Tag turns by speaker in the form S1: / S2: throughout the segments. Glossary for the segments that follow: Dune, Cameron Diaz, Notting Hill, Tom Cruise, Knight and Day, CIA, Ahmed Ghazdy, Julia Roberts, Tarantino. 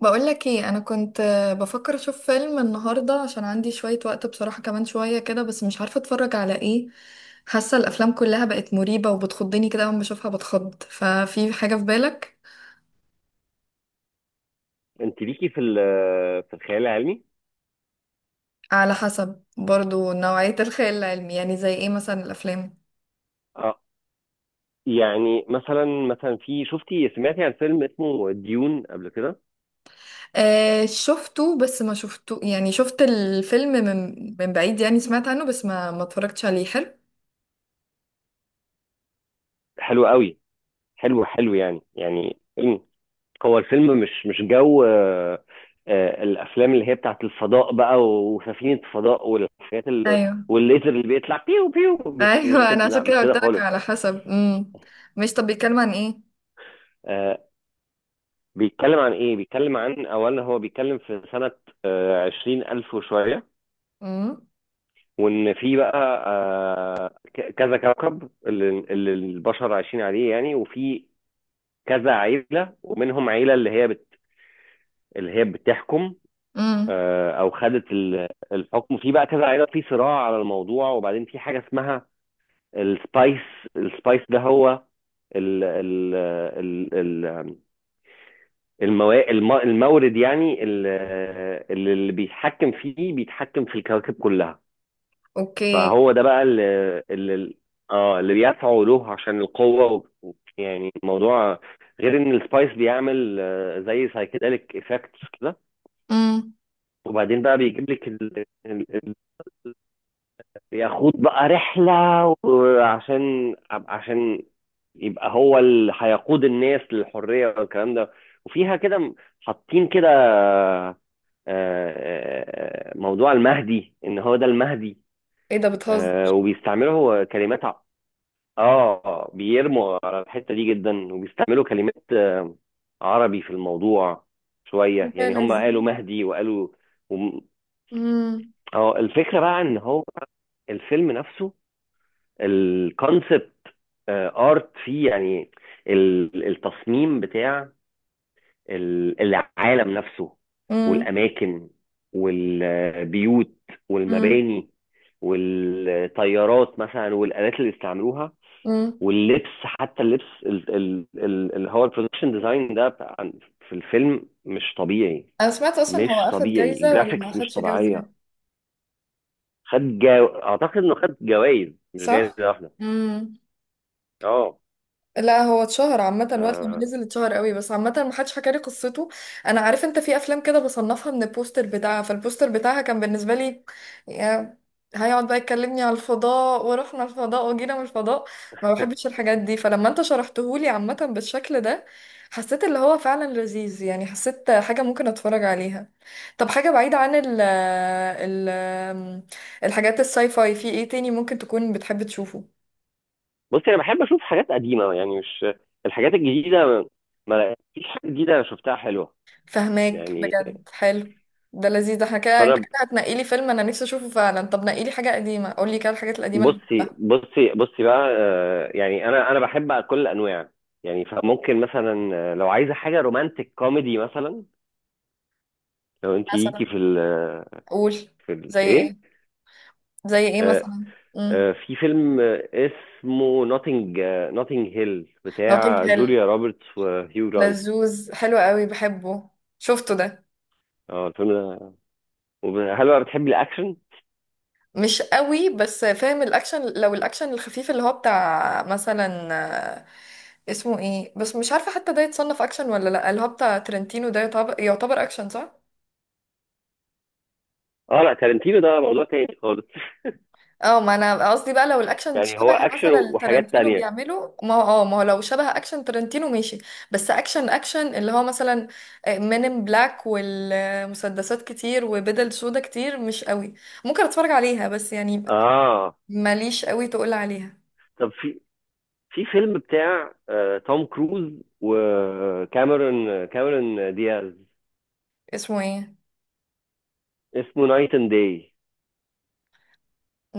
S1: بقولك ايه، انا كنت بفكر اشوف فيلم النهارده عشان عندي شوية وقت بصراحة، كمان شوية كده. بس مش عارفة اتفرج على ايه. حاسة الافلام كلها بقت مريبة وبتخضني كده، اول ما بشوفها بتخض. ففي حاجة في بالك؟
S2: انت ليكي في الخيال العلمي؟
S1: على حسب برضو نوعية الخيال العلمي، يعني زي ايه مثلا الافلام؟
S2: اه. يعني مثلا في سمعتي عن فيلم اسمه ديون قبل كده.
S1: آه شفته، بس ما شفته يعني، شفت الفيلم من بعيد يعني، سمعت عنه بس ما اتفرجتش عليه. حلو.
S2: حلو قوي. حلو حلو، يعني فيلم. هو الفيلم مش جو آه، آه، الافلام اللي هي بتاعت الفضاء بقى، وسفينه فضاء، والحاجات
S1: ايوه،
S2: والليزر اللي بيطلع بيو بيو. مش
S1: ايوه انا
S2: كده،
S1: عشان
S2: لا،
S1: كده
S2: مش كده
S1: قلت لك
S2: خالص.
S1: على حسب. مش، طب بيتكلم عن ايه؟
S2: آه، بيتكلم عن ايه؟ بيتكلم عن، اولا هو بيتكلم في سنه 20,000 وشويه. وان في بقى، كذا كوكب اللي البشر عايشين عليه، يعني. وفي كذا عيله، ومنهم عيله اللي هي بتحكم.
S1: امم.
S2: او خدت الحكم، في بقى كذا عيله في صراع على الموضوع. وبعدين في حاجه اسمها السبايس. السبايس ده هو ال ال ال ال المورد، يعني اللي بيتحكم فيه، بيتحكم في الكواكب كلها.
S1: اوكي.
S2: فهو ده بقى اللي اه اللي بيدفعوا له عشان القوة، يعني الموضوع. غير ان السبايس بيعمل زي سايكيدليك افكتس كده.
S1: امم.
S2: وبعدين بقى بيجيب لك ياخد بقى رحلة، وعشان يبقى هو اللي هيقود الناس للحرية والكلام ده. وفيها كده حاطين كده، موضوع المهدي، ان هو ده المهدي.
S1: ايه ده، بتهزر؟
S2: وبيستعملوا كلمات. اه، بيرموا على الحتة دي جدا، وبيستعملوا كلمات عربي في الموضوع
S1: إيه
S2: شوية،
S1: ده
S2: يعني هم
S1: لذيذ.
S2: قالوا مهدي وقالوا، وم-
S1: امم.
S2: اه، الفكرة بقى ان هو الفيلم نفسه، الكونسبت ارت فيه يعني. التصميم بتاع العالم نفسه،
S1: امم.
S2: والاماكن، والبيوت،
S1: امم.
S2: والمباني، والطيارات مثلا، والالات اللي استعملوها،
S1: امم.
S2: واللبس، حتى اللبس اللي هو البرودكشن ديزاين ده، في الفيلم مش طبيعي.
S1: انا سمعت اصلا
S2: مش
S1: هو اخد
S2: طبيعي.
S1: جايزة ولا
S2: الجرافيكس
S1: ما
S2: مش
S1: اخدش جايزة؟
S2: طبيعية. اعتقد انه خد جوائز، مش جايزة
S1: صح.
S2: واحدة.
S1: امم.
S2: اه.
S1: لا هو اتشهر عامة وقت لما
S2: آه.
S1: نزل، اتشهر قوي، بس عامة محدش حكى لي قصته. انا عارف، انت في افلام كده بصنفها من البوستر بتاعها، فالبوستر بتاعها كان بالنسبة لي، يا هيقعد بقى يكلمني على الفضاء ورحنا الفضاء وجينا من الفضاء. ما بحبش الحاجات دي. فلما انت شرحتهولي عامة بالشكل ده، حسيت اللي هو فعلا لذيذ يعني، حسيت حاجة ممكن اتفرج عليها. طب حاجة بعيدة عن ال الحاجات الساي فاي، في ايه تاني ممكن تكون بتحب تشوفه؟
S2: بصي، انا بحب اشوف حاجات قديمة، يعني مش الحاجات الجديدة. ما فيش حاجة جديدة انا شفتها حلوة،
S1: فهماك،
S2: يعني.
S1: بجد حلو. ده لذيذ، ده احنا كده، انت
S2: فانا ب-
S1: كده هتنقي لي فيلم انا نفسي اشوفه فعلا. طب نقي لي حاجه قديمه، قول لي كده الحاجات القديمه اللي
S2: بصي
S1: بحبها.
S2: بصي بصي بقى، يعني انا بحب كل الانواع، يعني. فممكن مثلا، لو عايزه حاجه رومانتك كوميدي، مثلا لو انت ليكي
S1: مثلا.
S2: في ال
S1: قول.
S2: في ال
S1: زي
S2: ايه.
S1: ايه؟ زي ايه
S2: آه
S1: مثلا؟ امم.
S2: في فيلم اسمه نوتنج هيل،
S1: نوتنج
S2: بتاع
S1: هيل.
S2: جوليا روبرتس وهيو جرانت.
S1: لذوذ، حلو قوي بحبه. شفته ده.
S2: اه، الفيلم ده. هل بقى بتحبي الاكشن؟
S1: مش قوي، بس فاهم. الاكشن لو الاكشن الخفيف اللي هو بتاع مثلا، آه، اسمه ايه بس مش عارفه حتى ده يتصنف اكشن ولا لا، اللي هو بتاع ترنتينو ده يعتبر، يعتبر اكشن صح؟
S2: اه، لا، تارنتينو ده موضوع تاني خالص.
S1: اه ما انا قصدي بقى لو الاكشن
S2: يعني هو
S1: شبه
S2: اكشن
S1: مثلا
S2: وحاجات
S1: تارانتينو
S2: تانية.
S1: بيعمله، ما هو اه ما هو لو شبه اكشن تارانتينو ماشي. بس اكشن اكشن اللي هو مثلا مين ان بلاك والمسدسات كتير وبدل سودا كتير، مش قوي. ممكن اتفرج عليها بس يعني،
S2: اه.
S1: ماليش قوي تقول عليها.
S2: طب في فيلم بتاع توم كروز وكاميرون كاميرون دياز.
S1: اسمه ايه؟
S2: اسمه نايت اند داي.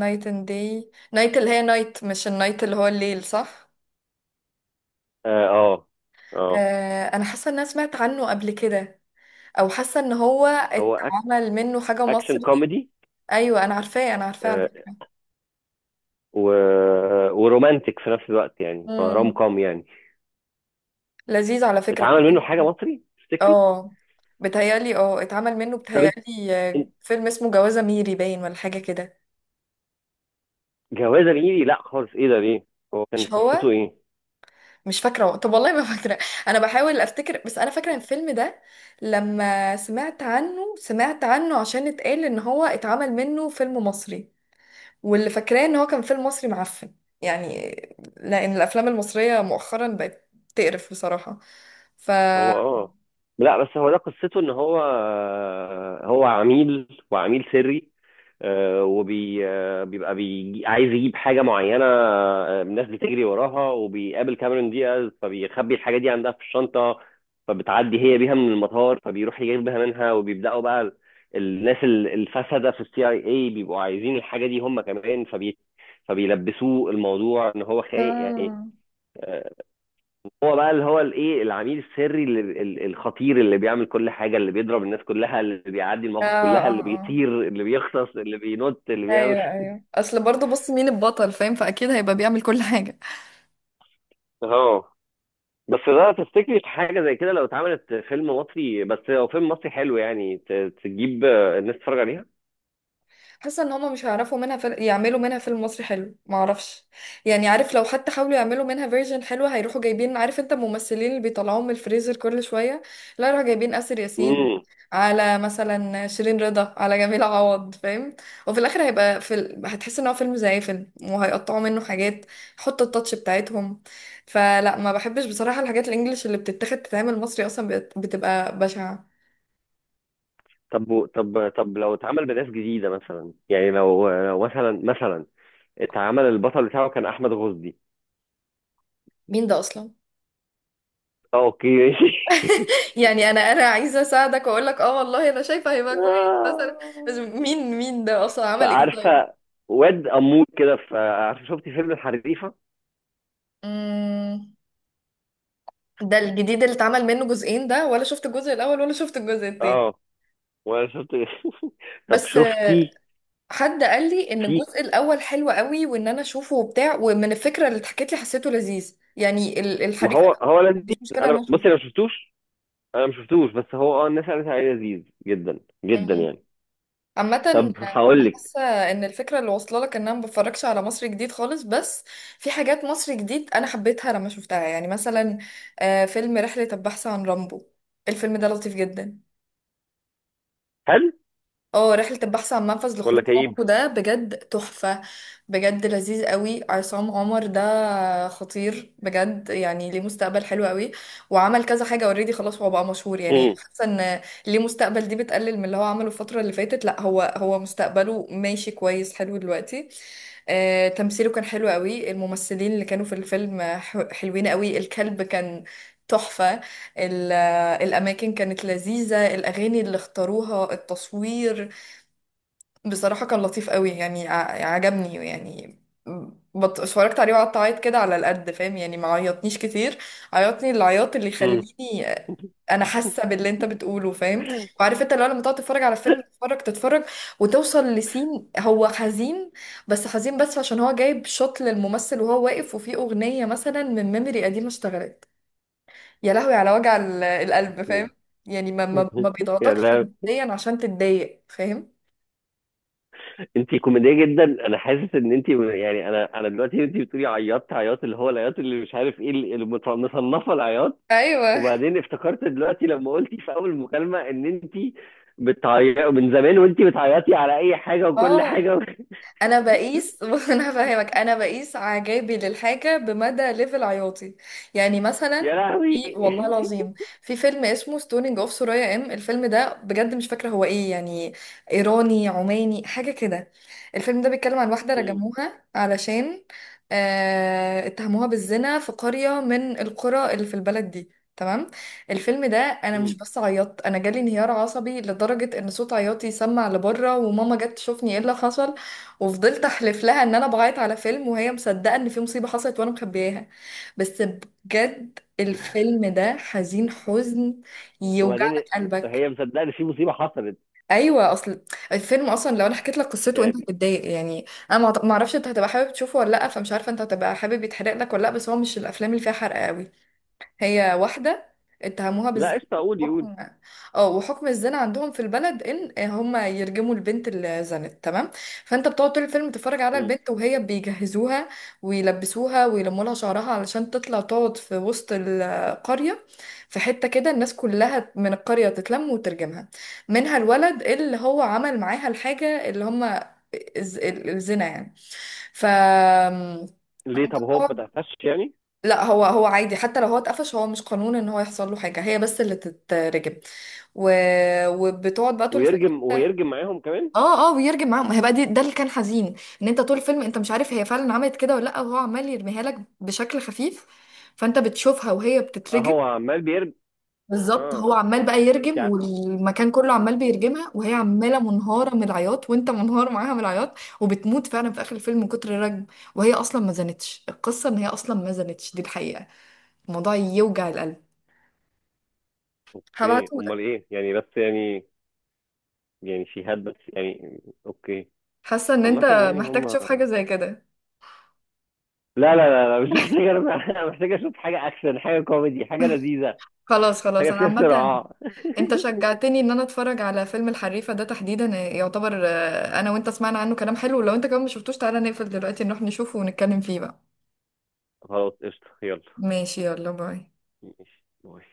S1: نايت اند داي. نايت، اللي هي نايت مش النايت اللي هو الليل، صح؟
S2: اه، اه. آه.
S1: آه انا حاسه ان انا سمعت عنه قبل كده. او حاسه ان هو
S2: هو
S1: اتعمل منه حاجه
S2: اكشن
S1: مصري.
S2: كوميدي،
S1: ايوه انا عارفاه، انا عارفاه
S2: آه،
S1: عارفاه.
S2: و... ورومانتك في نفس الوقت، يعني روم
S1: مم.
S2: كوم يعني.
S1: لذيذ على فكرة.
S2: اتعمل منه حاجه مصري، تفتكري؟
S1: اه بتهيألي، اه اتعمل منه،
S2: طب انت،
S1: بتهيألي
S2: إنت-
S1: فيلم اسمه جوازة ميري باين ولا حاجة كده.
S2: جوازه ميري؟ لا خالص، ايه ده، ليه؟ هو كان
S1: مش هو،
S2: قصته ايه؟
S1: مش فاكرة، طب والله ما فاكرة. أنا بحاول أفتكر، بس أنا فاكرة الفيلم ده لما سمعت عنه، سمعت عنه عشان اتقال إن هو اتعمل منه فيلم مصري. واللي فاكراه إن هو كان فيلم مصري معفن يعني، لأن الأفلام المصرية مؤخرا بقت تقرف بصراحة. ف
S2: هو، لا، بس هو ده قصته، ان هو هو عميل، وعميل سري. وبي آه، بيبقى بيجي عايز يجيب حاجه معينه، الناس بتجري وراها، وبيقابل كاميرون دياز، فبيخبي الحاجه دي عندها في الشنطه. فبتعدي هي بيها من المطار، فبيروح يجيبها منها، وبيبداوا بقى الناس الفسده في السي اي اي، بيبقوا عايزين الحاجه دي هم كمان، فبيلبسوه الموضوع ان هو خاين، يعني.
S1: آه
S2: آه، هو بقى اللي هو الايه، العميل السري اللي الخطير، اللي بيعمل كل حاجه، اللي بيضرب الناس كلها، اللي بيعدي
S1: آه
S2: المواقف كلها، اللي
S1: آه.
S2: بيطير، اللي بيختص، اللي بينط، اللي بيعمل.
S1: ايوه، ايوه اصل برضه بص مين البطل فاهم، فاكيد هيبقى بيعمل كل حاجه.
S2: اه. بس ده، تفتكري حاجه زي كده لو اتعملت فيلم مصري؟ بس هو فيلم مصري حلو، يعني تجيب الناس تتفرج عليها.
S1: حاسه ان هما مش هيعرفوا منها فيلم، يعملوا منها فيلم مصري حلو، ما اعرفش يعني. عارف لو حتى حاولوا يعملوا منها فيرجن حلوه، هيروحوا جايبين، عارف انت الممثلين اللي بيطلعوهم من الفريزر كل شويه. لا يروحوا جايبين آسر ياسين،
S2: امم.
S1: على مثلا شيرين رضا، على جميل عوض، فاهم؟ وفي الاخر هيبقى في ال... هتحس ان هو فيلم زي فيلم، وهيقطعوا منه حاجات، يحطوا التاتش بتاعتهم. فلا ما بحبش بصراحه الحاجات الانجليش اللي بتتاخد تتعمل مصري، اصلا بتبقى بشعه.
S2: طب، طب لو اتعمل بناس جديده مثلا، يعني لو مثلا اتعمل البطل بتاعه كان احمد غزدي.
S1: مين ده اصلا؟
S2: اوكي ماشي.
S1: يعني انا عايزه اساعدك واقول لك اه والله انا شايفه هيبقى كويس مثلا، بس مين، مين ده اصلا عمل ايه طيب؟
S2: فعارفه واد امور كده؟ فعارفه، شفتي فيلم الحريفه؟
S1: مم. ده الجديد اللي اتعمل منه جزئين ده؟ ولا شفت الجزء الاول ولا شفت الجزء التاني؟
S2: اه، وانا شفت. طب
S1: بس
S2: شفتي.
S1: حد قال لي ان
S2: في
S1: الجزء الاول حلو قوي وان انا اشوفه وبتاع، ومن الفكره اللي اتحكت لي حسيته لذيذ يعني، ال-
S2: ما
S1: الحريف،
S2: هو
S1: انا ما
S2: هو لذيذ.
S1: عنديش مشكله ان
S2: انا،
S1: انا
S2: بصي، انا ما شفتوش، انا ما شفتوش، بس هو، الناس قالت عليه لذيذ جدا، جدا
S1: اشوفه.
S2: يعني.
S1: عامة أنا
S2: طب هقول لك.
S1: حاسة إن الفكرة اللي واصلة لك إن أنا ما بتفرجش على مصر جديد خالص، بس في حاجات مصر جديد أنا حبيتها لما شفتها. يعني مثلا فيلم رحلة البحث عن رامبو، الفيلم ده لطيف جدا.
S2: هل
S1: اه رحلة البحث عن منفذ
S2: ولا
S1: لخروج
S2: كئيب؟
S1: عمقه، ده بجد تحفة. بجد لذيذ قوي. عصام عمر ده خطير بجد، يعني ليه مستقبل حلو قوي. وعمل كذا حاجة اوريدي، خلاص هو بقى مشهور يعني.
S2: امم.
S1: حاسة ان ليه مستقبل، دي بتقلل من اللي هو عمله الفترة اللي فاتت، لا هو، هو مستقبله ماشي كويس حلو دلوقتي. تمثيله كان حلو قوي، الممثلين اللي كانوا في الفيلم حلوين قوي، الكلب كان تحفة، ال- الأماكن كانت لذيذة، الأغاني اللي اختاروها، التصوير بصراحة كان لطيف قوي يعني، عجبني يعني. بط... اتفرجت عليه وقعدت اعيط كده على القد، فاهم يعني ما عيطنيش كتير، عيطني العياط اللي
S2: مم.
S1: يخليني. انا حاسة باللي انت بتقوله فاهم. وعارف انت لو لما تقعد تتفرج على فيلم، تتفرج تتفرج وتوصل لسين هو حزين، بس حزين بس عشان هو جايب شوت للممثل وهو واقف، وفي اغنية مثلا من ميموري قديمة اشتغلت، يا لهوي على وجع ال- القلب، فاهم يعني؟ ما
S2: يعني،
S1: بيضغطكش
S2: أنا-
S1: نفسيا عشان تتضايق، فاهم؟
S2: انت كوميديه جدا. انا حاسس ان انت، يعني انا دلوقتي، انت بتقولي عيطت عياط اللي هو العياط، اللي مش عارف ايه، مصنفه العياط.
S1: ايوه.
S2: وبعدين افتكرت دلوقتي لما قلتي في اول مكالمه ان انت بتعيطي من زمان، وانت بتعيطي على اي حاجه وكل
S1: اه
S2: حاجه،
S1: انا بقيس انا فاهمك، انا بقيس اعجابي للحاجه بمدى ليفل عياطي. يعني مثلا
S2: يا لهوي.
S1: في والله العظيم، في فيلم اسمه ستونينج اوف سورايا، ام الفيلم ده بجد مش فاكره هو ايه يعني، ايراني عماني حاجه كده. الفيلم ده بيتكلم عن واحده
S2: مم.
S1: رجموها علشان آه اتهموها بالزنا، في قريه من القرى اللي في البلد دي. تمام. الفيلم ده انا مش
S2: مم.
S1: بس عيطت، انا جالي انهيار عصبي لدرجه ان صوت عياطي سمع لبره، وماما جت تشوفني ايه اللي حصل. وفضلت احلف لها ان انا بعيط على فيلم، وهي مصدقه ان في مصيبه حصلت وانا مخبياها. بس بجد الفيلم ده حزين، حزن يوجع
S2: وبعدين،
S1: لك قلبك.
S2: هي مصدقه ان في مصيبه حصلت،
S1: ايوه اصل الفيلم اصلا لو انا حكيت لك قصته انت
S2: يعني؟
S1: هتتضايق يعني. انا ما اعرفش انت هتبقى حابب تشوفه ولا لا، فمش عارفه انت هتبقى حابب يتحرق لك ولا لا، بس هو مش الافلام اللي فيها حرق قوي. هي واحدة اتهموها
S2: لا
S1: بالزنا،
S2: قشطه، قولي قولي.
S1: وحكم، اه وحكم الزنا عندهم في البلد ان هم يرجموا البنت اللي زنت. تمام. فانت بتقعد طول الفيلم تتفرج على
S2: مم.
S1: البنت وهي بيجهزوها ويلبسوها ويلموا لها شعرها علشان تطلع تقعد في وسط القرية، في حتة كده الناس كلها من القرية تتلم وترجمها، منها الولد اللي هو عمل معاها الحاجة اللي هم الز- الزنا يعني. ف
S2: ليه طب، هو ما تقفش يعني؟
S1: لا هو، هو عادي حتى لو هو اتقفش، هو مش قانون ان هو يحصل له حاجه، هي بس اللي تترجم. و... وبتقعد بقى طول الفيلم.
S2: ويرجم،
S1: انت-
S2: ويرجم معاهم كمان؟
S1: اه اه ويرجم معاهم، ما هي بقى دي ده اللي كان حزين، ان انت طول الفيلم انت مش عارف هي فعلا عملت كده ولا لا، وهو عمال يرميها لك بشكل خفيف، فانت بتشوفها وهي
S2: اه،
S1: بتترجم.
S2: هو عمال بيرجم.
S1: بالظبط هو
S2: اه.
S1: عمال بقى
S2: انت
S1: يرجم،
S2: ع...
S1: والمكان كله عمال بيرجمها، وهي عماله منهاره من العياط، وانت منهار معاها من العياط. وبتموت فعلا في اخر الفيلم من كتر الرجم، وهي اصلا ما زنتش، القصه ان هي اصلا ما زنتش، دي الحقيقه. الموضوع يوجع القلب.
S2: اوكي، امال
S1: هبعتهولك.
S2: ايه يعني، بس يعني. يعني شهاد، بس يعني، اوكي.
S1: حاسه ان
S2: عامة
S1: انت
S2: يعني
S1: محتاج
S2: هم.
S1: تشوف حاجه زي كده.
S2: لا، لا، لا، لا، مش محتاج، أنا محتاج اشوف حاجه اكشن، حاجه كوميدي، حاجه لذيذه،
S1: خلاص
S2: حاجه
S1: خلاص، انا
S2: فيها
S1: عامه
S2: صراع.
S1: انت شجعتني ان انا اتفرج على فيلم الحريفه ده تحديدا، يعتبر انا وانت سمعنا عنه كلام حلو، لو انت كمان ما شفتوش، تعالى نقفل دلوقتي نروح نشوفه ونتكلم فيه بقى.
S2: خلاص قشطه، يلا.
S1: ماشي، يلا باي.
S2: ماشي، باي.